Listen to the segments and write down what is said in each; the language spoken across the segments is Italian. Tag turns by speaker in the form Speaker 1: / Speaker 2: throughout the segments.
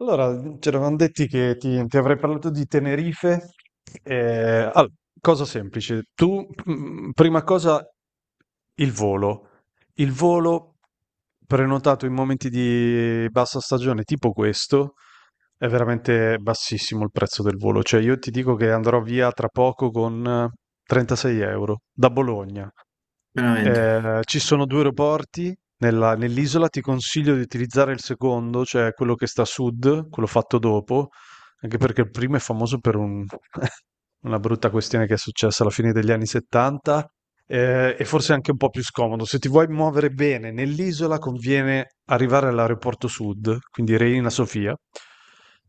Speaker 1: Allora, ci eravamo detti che ti avrei parlato di Tenerife. Eh, all- Cosa semplice. Tu, prima cosa, il volo. Il volo prenotato in momenti di bassa stagione, tipo questo, è veramente bassissimo il prezzo del volo. Cioè, io ti dico che andrò via tra poco con 36 euro da Bologna.
Speaker 2: Veramente.
Speaker 1: Ci sono due aeroporti, nella nell'isola ti consiglio di utilizzare il secondo, cioè quello che sta a sud, quello fatto dopo, anche perché il primo è famoso per una brutta questione che è successa alla fine degli anni 70, e forse anche un po' più scomodo. Se ti vuoi muovere bene nell'isola, conviene arrivare all'aeroporto sud, quindi Reina Sofia,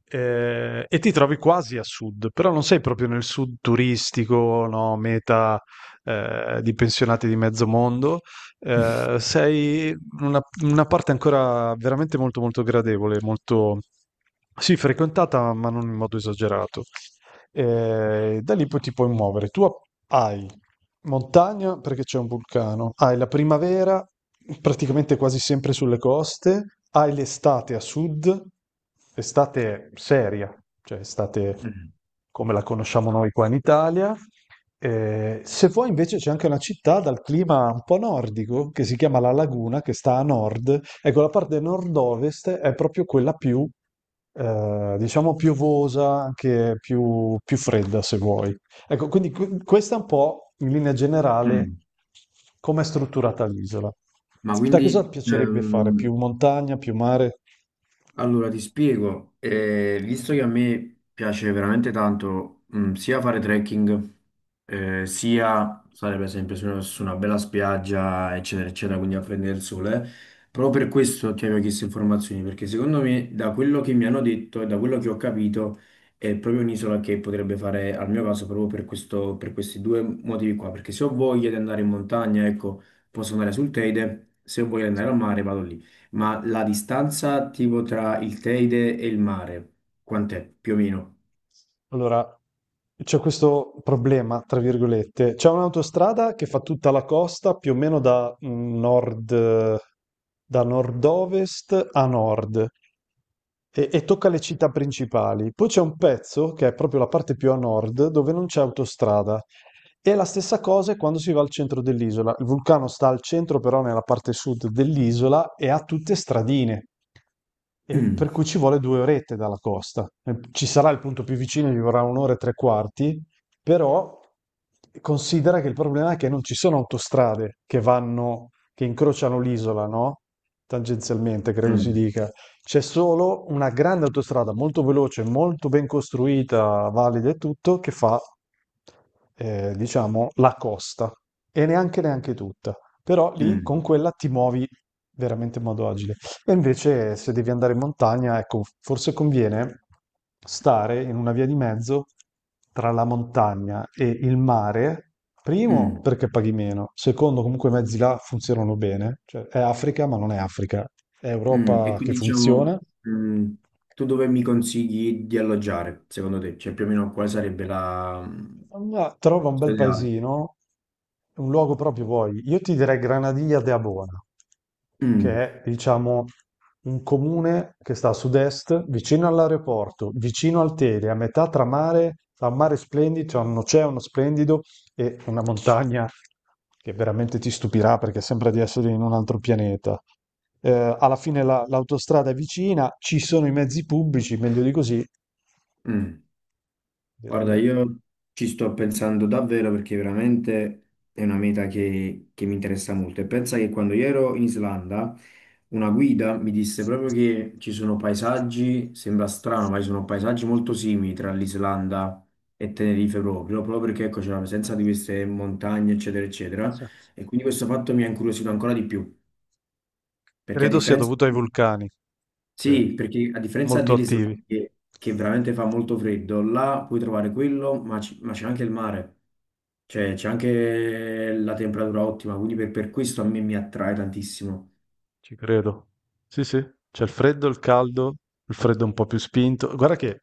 Speaker 1: e ti trovi quasi a sud, però non sei proprio nel sud turistico, no, meta di pensionati di mezzo mondo. Sei una parte ancora veramente molto molto gradevole, molto, sì, frequentata, ma non in modo esagerato. Da lì poi ti puoi muovere. Tu hai montagna perché c'è un vulcano, hai la primavera praticamente quasi sempre sulle coste, hai l'estate a sud, estate seria, cioè estate
Speaker 2: Mm,
Speaker 1: come la conosciamo noi qua in Italia. Se vuoi invece c'è anche una città dal clima un po' nordico che si chiama La Laguna, che sta a nord. Ecco, la parte nord-ovest è proprio quella più, diciamo, piovosa, anche più, più fredda se vuoi. Ecco, quindi questa è un po' in linea generale
Speaker 2: mm.
Speaker 1: come è strutturata l'isola.
Speaker 2: Ma
Speaker 1: Te cosa
Speaker 2: quindi
Speaker 1: piacerebbe fare? Più montagna, più mare?
Speaker 2: allora, ti spiego, visto che a me piace veramente tanto, sia fare trekking, sia stare per esempio su una bella spiaggia, eccetera, eccetera, quindi a prendere il sole, proprio per questo ti avevo chiesto informazioni, perché secondo me, da quello che mi hanno detto e da quello che ho capito, è proprio un'isola che potrebbe fare al mio caso, proprio per per questi due motivi qua, perché se ho voglia di andare in montagna, ecco, posso andare sul Teide, se ho voglia di
Speaker 1: Sì.
Speaker 2: andare al mare, vado lì. Ma la distanza tipo tra il Teide e il mare, quant'è più o meno?
Speaker 1: Allora, c'è questo problema, tra virgolette. C'è un'autostrada che fa tutta la costa più o meno da nord, da nord-ovest a nord e tocca le città principali. Poi c'è un pezzo che è proprio la parte più a nord dove non c'è autostrada. E la stessa cosa è quando si va al centro dell'isola. Il vulcano sta al centro, però nella parte sud dell'isola e ha tutte stradine, e
Speaker 2: Mm,
Speaker 1: per cui ci vuole due orette dalla costa. Ci sarà il punto più vicino, ci vorrà un'ora e tre quarti, però considera che il problema è che non ci sono autostrade che vanno, che incrociano l'isola, no? Tangenzialmente, credo si
Speaker 2: mm,
Speaker 1: dica. C'è solo una grande autostrada molto veloce, molto ben costruita, valida e tutto, che fa, diciamo, la costa. E neanche tutta. Però lì con
Speaker 2: mm,
Speaker 1: quella ti muovi veramente in modo agile. E invece se devi andare in montagna, ecco, forse conviene stare in una via di mezzo tra la montagna e il mare. Primo,
Speaker 2: mm,
Speaker 1: perché paghi meno. Secondo, comunque i mezzi là funzionano bene. Cioè, è Africa, ma non è Africa. È
Speaker 2: mm. E
Speaker 1: Europa che
Speaker 2: quindi diciamo,
Speaker 1: funziona.
Speaker 2: mm, tu dove mi consigli di alloggiare, secondo te? Cioè più o meno quale sarebbe la
Speaker 1: Ma trova un bel
Speaker 2: ideale?
Speaker 1: paesino, un luogo proprio vuoi. Io ti direi Granadilla de Abona,
Speaker 2: Mm,
Speaker 1: che è, diciamo, un comune che sta a sud-est, vicino all'aeroporto, vicino al Tele, a metà tra mare, tra un mare splendido, c'è un oceano splendido e una montagna che veramente ti stupirà perché sembra di essere in un altro pianeta. Alla fine l'autostrada è vicina, ci sono i mezzi pubblici, meglio di così,
Speaker 2: mm.
Speaker 1: direi
Speaker 2: Guarda,
Speaker 1: che
Speaker 2: io ci sto pensando davvero perché veramente è una meta che mi interessa molto. E pensa che quando io ero in Islanda, una guida mi disse proprio che ci sono paesaggi, sembra strano, ma ci sono paesaggi molto simili tra l'Islanda e Tenerife, proprio, proprio perché ecco, c'è la presenza di queste montagne, eccetera, eccetera.
Speaker 1: sì.
Speaker 2: E quindi questo fatto mi ha incuriosito ancora di più, perché a
Speaker 1: Credo sia
Speaker 2: differenza,
Speaker 1: dovuto ai vulcani, sì,
Speaker 2: sì, perché a differenza
Speaker 1: molto attivi,
Speaker 2: dell'Islanda, che veramente fa molto freddo, là puoi trovare quello, ma ma c'è anche il mare, cioè c'è anche la temperatura ottima, quindi per questo a me mi attrae tantissimo.
Speaker 1: ci credo. Sì, sì, c'è il freddo, il caldo, il freddo un po' più spinto. Guarda che,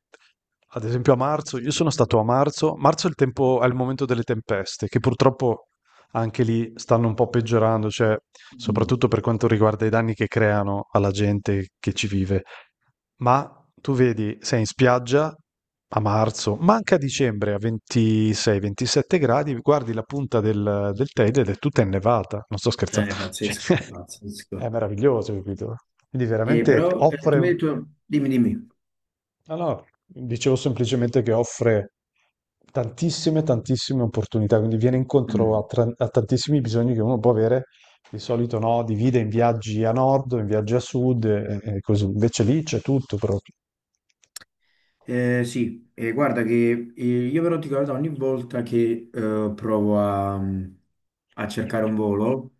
Speaker 1: ad esempio, a marzo, io sono stato a marzo, marzo è il tempo, è il momento delle tempeste, che purtroppo anche lì stanno un po' peggiorando, cioè,
Speaker 2: Mm.
Speaker 1: soprattutto per quanto riguarda i danni che creano alla gente che ci vive. Ma tu vedi, sei in spiaggia a marzo, ma anche a dicembre a 26-27 gradi, guardi la punta del, del Teide ed è tutta innevata. Non sto scherzando.
Speaker 2: È
Speaker 1: Cioè,
Speaker 2: pazzesco,
Speaker 1: è
Speaker 2: pazzesco.
Speaker 1: meraviglioso, capito? Quindi veramente
Speaker 2: Però
Speaker 1: offre...
Speaker 2: tu mi hai detto, dimmi, dimmi.
Speaker 1: No, no, dicevo semplicemente che offre tantissime, tantissime opportunità, quindi viene incontro a,
Speaker 2: Mm.
Speaker 1: a tantissimi bisogni che uno può avere. Di solito no, divide in viaggi a nord, in viaggi a sud e così. Invece lì c'è tutto proprio.
Speaker 2: Sì, guarda che, io però ti guardo ogni volta che provo a cercare un volo.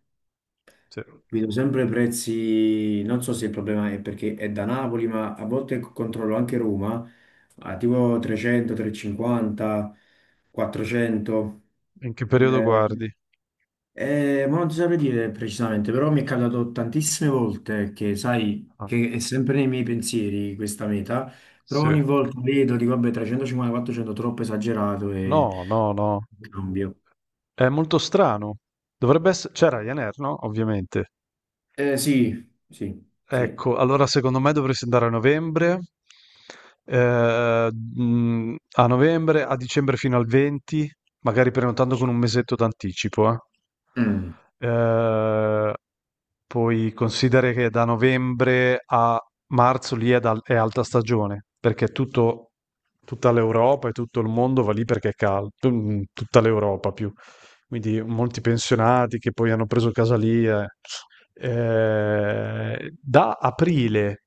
Speaker 1: Sì.
Speaker 2: Vedo sempre prezzi, non so se il problema è perché è da Napoli, ma a volte controllo anche Roma, a tipo 300, 350, 400.
Speaker 1: In che periodo
Speaker 2: Eh,
Speaker 1: guardi?
Speaker 2: ma non ti saprei dire precisamente, però mi è capitato tantissime volte che, sai,
Speaker 1: Ah,
Speaker 2: che è sempre nei miei pensieri questa meta, però
Speaker 1: sì.
Speaker 2: ogni volta vedo, dico, vabbè, 350, 400, troppo esagerato, e
Speaker 1: No, no, no.
Speaker 2: cambio.
Speaker 1: È molto strano. Dovrebbe essere... C'è Ryanair, no? Ovviamente.
Speaker 2: Sì, sì, sì.
Speaker 1: Ecco, allora secondo me dovresti andare a novembre. A novembre, a dicembre fino al 20, magari prenotando con un mesetto d'anticipo, eh.
Speaker 2: Mm,
Speaker 1: Eh, poi considera che da novembre a marzo lì è, è alta stagione, perché tutta l'Europa e tutto il mondo va lì perché è caldo, tutta l'Europa più, quindi molti pensionati che poi hanno preso casalie. Da aprile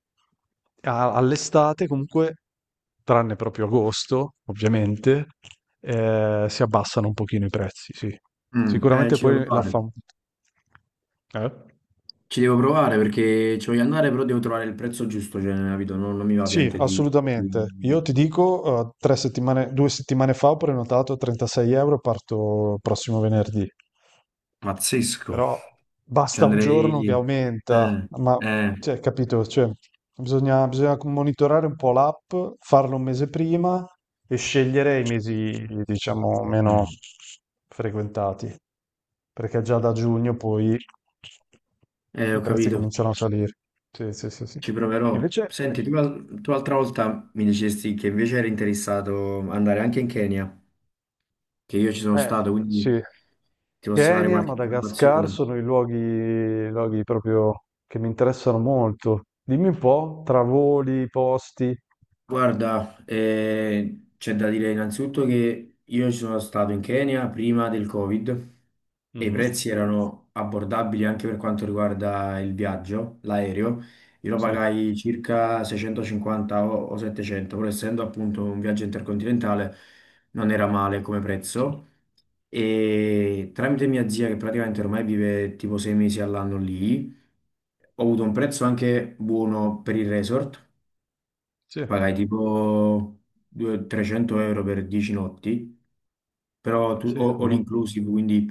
Speaker 1: all'estate, comunque, tranne proprio agosto, ovviamente, si abbassano un pochino i prezzi, sì.
Speaker 2: mm,
Speaker 1: Sicuramente
Speaker 2: ci devo
Speaker 1: poi la
Speaker 2: provare.
Speaker 1: fa... Eh?
Speaker 2: Ci devo provare perché ci voglio andare, però devo trovare il prezzo giusto, cioè, capito? Non mi va
Speaker 1: Sì,
Speaker 2: ovviamente di,
Speaker 1: assolutamente.
Speaker 2: di-
Speaker 1: Io ti dico, tre settimane, due settimane fa ho prenotato a 36 euro, parto prossimo venerdì.
Speaker 2: Pazzesco.
Speaker 1: Però
Speaker 2: Ci
Speaker 1: basta un giorno che
Speaker 2: andrei.
Speaker 1: aumenta,
Speaker 2: Eh,
Speaker 1: ma
Speaker 2: eh,
Speaker 1: cioè, capito? Cioè, bisogna, bisogna monitorare un po' l'app, farlo un mese prima e scegliere i mesi, diciamo, meno
Speaker 2: mm.
Speaker 1: frequentati, perché già da giugno poi i
Speaker 2: Ho
Speaker 1: prezzi
Speaker 2: capito,
Speaker 1: cominciano a salire. Sì, sì, sì, sì.
Speaker 2: ci proverò.
Speaker 1: Invece,
Speaker 2: Senti, tu l'altra volta mi dicesti che invece eri interessato ad andare anche in Kenya, che io ci sono
Speaker 1: eh,
Speaker 2: stato, quindi
Speaker 1: sì.
Speaker 2: ti posso dare
Speaker 1: Kenya,
Speaker 2: qualche
Speaker 1: Madagascar
Speaker 2: informazione.
Speaker 1: sono i luoghi, luoghi proprio che mi interessano molto. Dimmi un po', tra voli, posti.
Speaker 2: Guarda, c'è da dire innanzitutto che io ci sono stato in Kenya prima del Covid, e i
Speaker 1: Mhm.
Speaker 2: prezzi erano abbordabili anche per quanto riguarda il viaggio, l'aereo. Io lo
Speaker 1: Sì,
Speaker 2: pagai circa 650 o 700, pur essendo appunto un viaggio intercontinentale, non era male come
Speaker 1: certo.
Speaker 2: prezzo. E tramite mia zia, che praticamente ormai vive tipo 6 mesi all'anno lì, ho avuto un prezzo anche buono per il resort.
Speaker 1: Sì,
Speaker 2: Pagai tipo 300 euro per 10 notti, però tu,
Speaker 1: sì,
Speaker 2: all
Speaker 1: buono,
Speaker 2: inclusive, quindi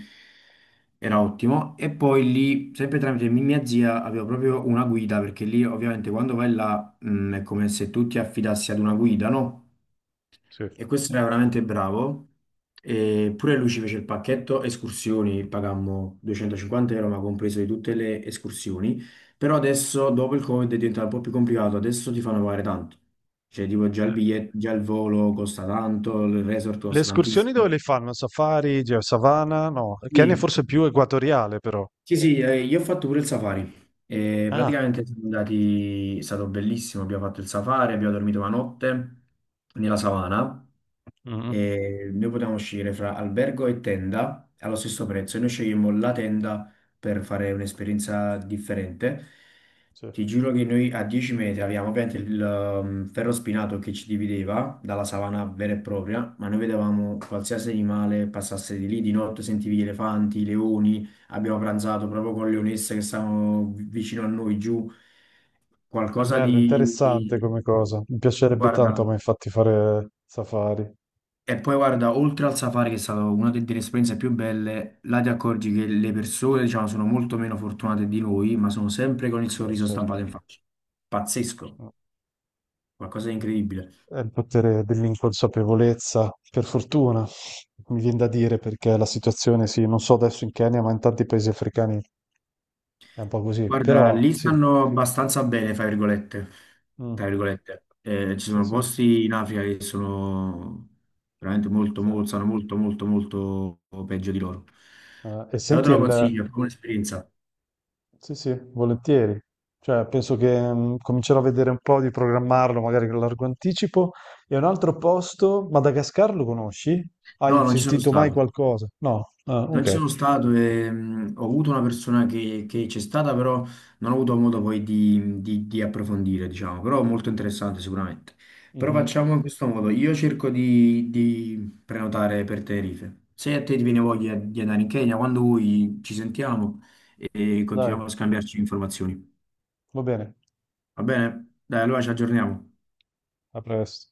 Speaker 2: era ottimo. E poi lì, sempre tramite mia zia, avevo proprio una guida, perché lì ovviamente quando vai là, è come se tu ti affidassi ad una guida, no?
Speaker 1: sì.
Speaker 2: E questo era veramente bravo. E pure lui ci fece il pacchetto escursioni, pagammo 250 euro, ma compreso di tutte le escursioni. Però adesso, dopo il Covid, è diventato un po' più complicato. Adesso ti fanno pagare tanto. Cioè, tipo, già il biglietto, già il volo costa tanto, il resort
Speaker 1: Le
Speaker 2: costa
Speaker 1: escursioni dove
Speaker 2: tantissimo.
Speaker 1: le fanno? Safari, savana? No, il Kenya è
Speaker 2: Sì,
Speaker 1: forse più equatoriale però.
Speaker 2: sì, sì, io ho fatto pure il safari. E
Speaker 1: Ah,
Speaker 2: praticamente siamo andati, è stato bellissimo. Abbiamo fatto il safari, abbiamo dormito una notte nella savana.
Speaker 1: mhm,
Speaker 2: E noi potevamo scegliere fra albergo e tenda allo stesso prezzo. E noi scegliemmo la tenda per fare un'esperienza differente.
Speaker 1: sì.
Speaker 2: Ti giuro che noi a 10 metri avevamo ovviamente il ferro spinato che ci divideva dalla savana vera e propria, ma noi vedevamo qualsiasi animale passasse di lì di notte, sentivi gli elefanti, i leoni, abbiamo pranzato proprio con le leonesse che stavano vicino a noi giù,
Speaker 1: È
Speaker 2: qualcosa
Speaker 1: bello,
Speaker 2: di...
Speaker 1: interessante
Speaker 2: di-
Speaker 1: come cosa. Mi piacerebbe tanto a
Speaker 2: Guarda,
Speaker 1: me infatti fare safari.
Speaker 2: e poi guarda, oltre al safari, che è stata una delle esperienze più belle, là ti accorgi che le persone, diciamo, sono molto meno fortunate di noi, ma sono sempre con il
Speaker 1: Beh,
Speaker 2: sorriso
Speaker 1: certo.
Speaker 2: stampato in faccia. Pazzesco, qualcosa di incredibile.
Speaker 1: È il potere dell'inconsapevolezza, per fortuna, mi viene da dire, perché la situazione, sì, non so adesso in Kenya, ma in tanti paesi africani è un po' così,
Speaker 2: Guarda,
Speaker 1: però
Speaker 2: lì
Speaker 1: sì,
Speaker 2: stanno abbastanza bene, fra virgolette. Tra
Speaker 1: mm,
Speaker 2: virgolette. Ci
Speaker 1: sì,
Speaker 2: sono
Speaker 1: sì,
Speaker 2: posti in Africa che sono veramente molto,
Speaker 1: sì.
Speaker 2: molto, sono molto, molto, molto peggio di loro.
Speaker 1: E
Speaker 2: Però te
Speaker 1: senti
Speaker 2: lo
Speaker 1: il...
Speaker 2: consiglio, è proprio un'esperienza.
Speaker 1: Sì, sì, volentieri. Cioè, penso che comincerò a vedere un po' di programmarlo, magari con largo anticipo. E un altro posto, Madagascar lo conosci? Hai
Speaker 2: No, non ci sono
Speaker 1: sentito mai
Speaker 2: stato.
Speaker 1: qualcosa? No? Ah,
Speaker 2: Non ci
Speaker 1: ok.
Speaker 2: sono stato, e, ho avuto una persona che c'è stata, però non ho avuto modo poi di approfondire, diciamo, però molto interessante sicuramente. Però
Speaker 1: Mhm.
Speaker 2: facciamo in questo modo, io cerco di prenotare per Tenerife. Se a te ti viene voglia di andare in Kenya, quando vuoi ci sentiamo e continuiamo
Speaker 1: Dai,
Speaker 2: a scambiarci informazioni.
Speaker 1: va bene,
Speaker 2: Va bene? Dai, allora ci aggiorniamo.
Speaker 1: a presto.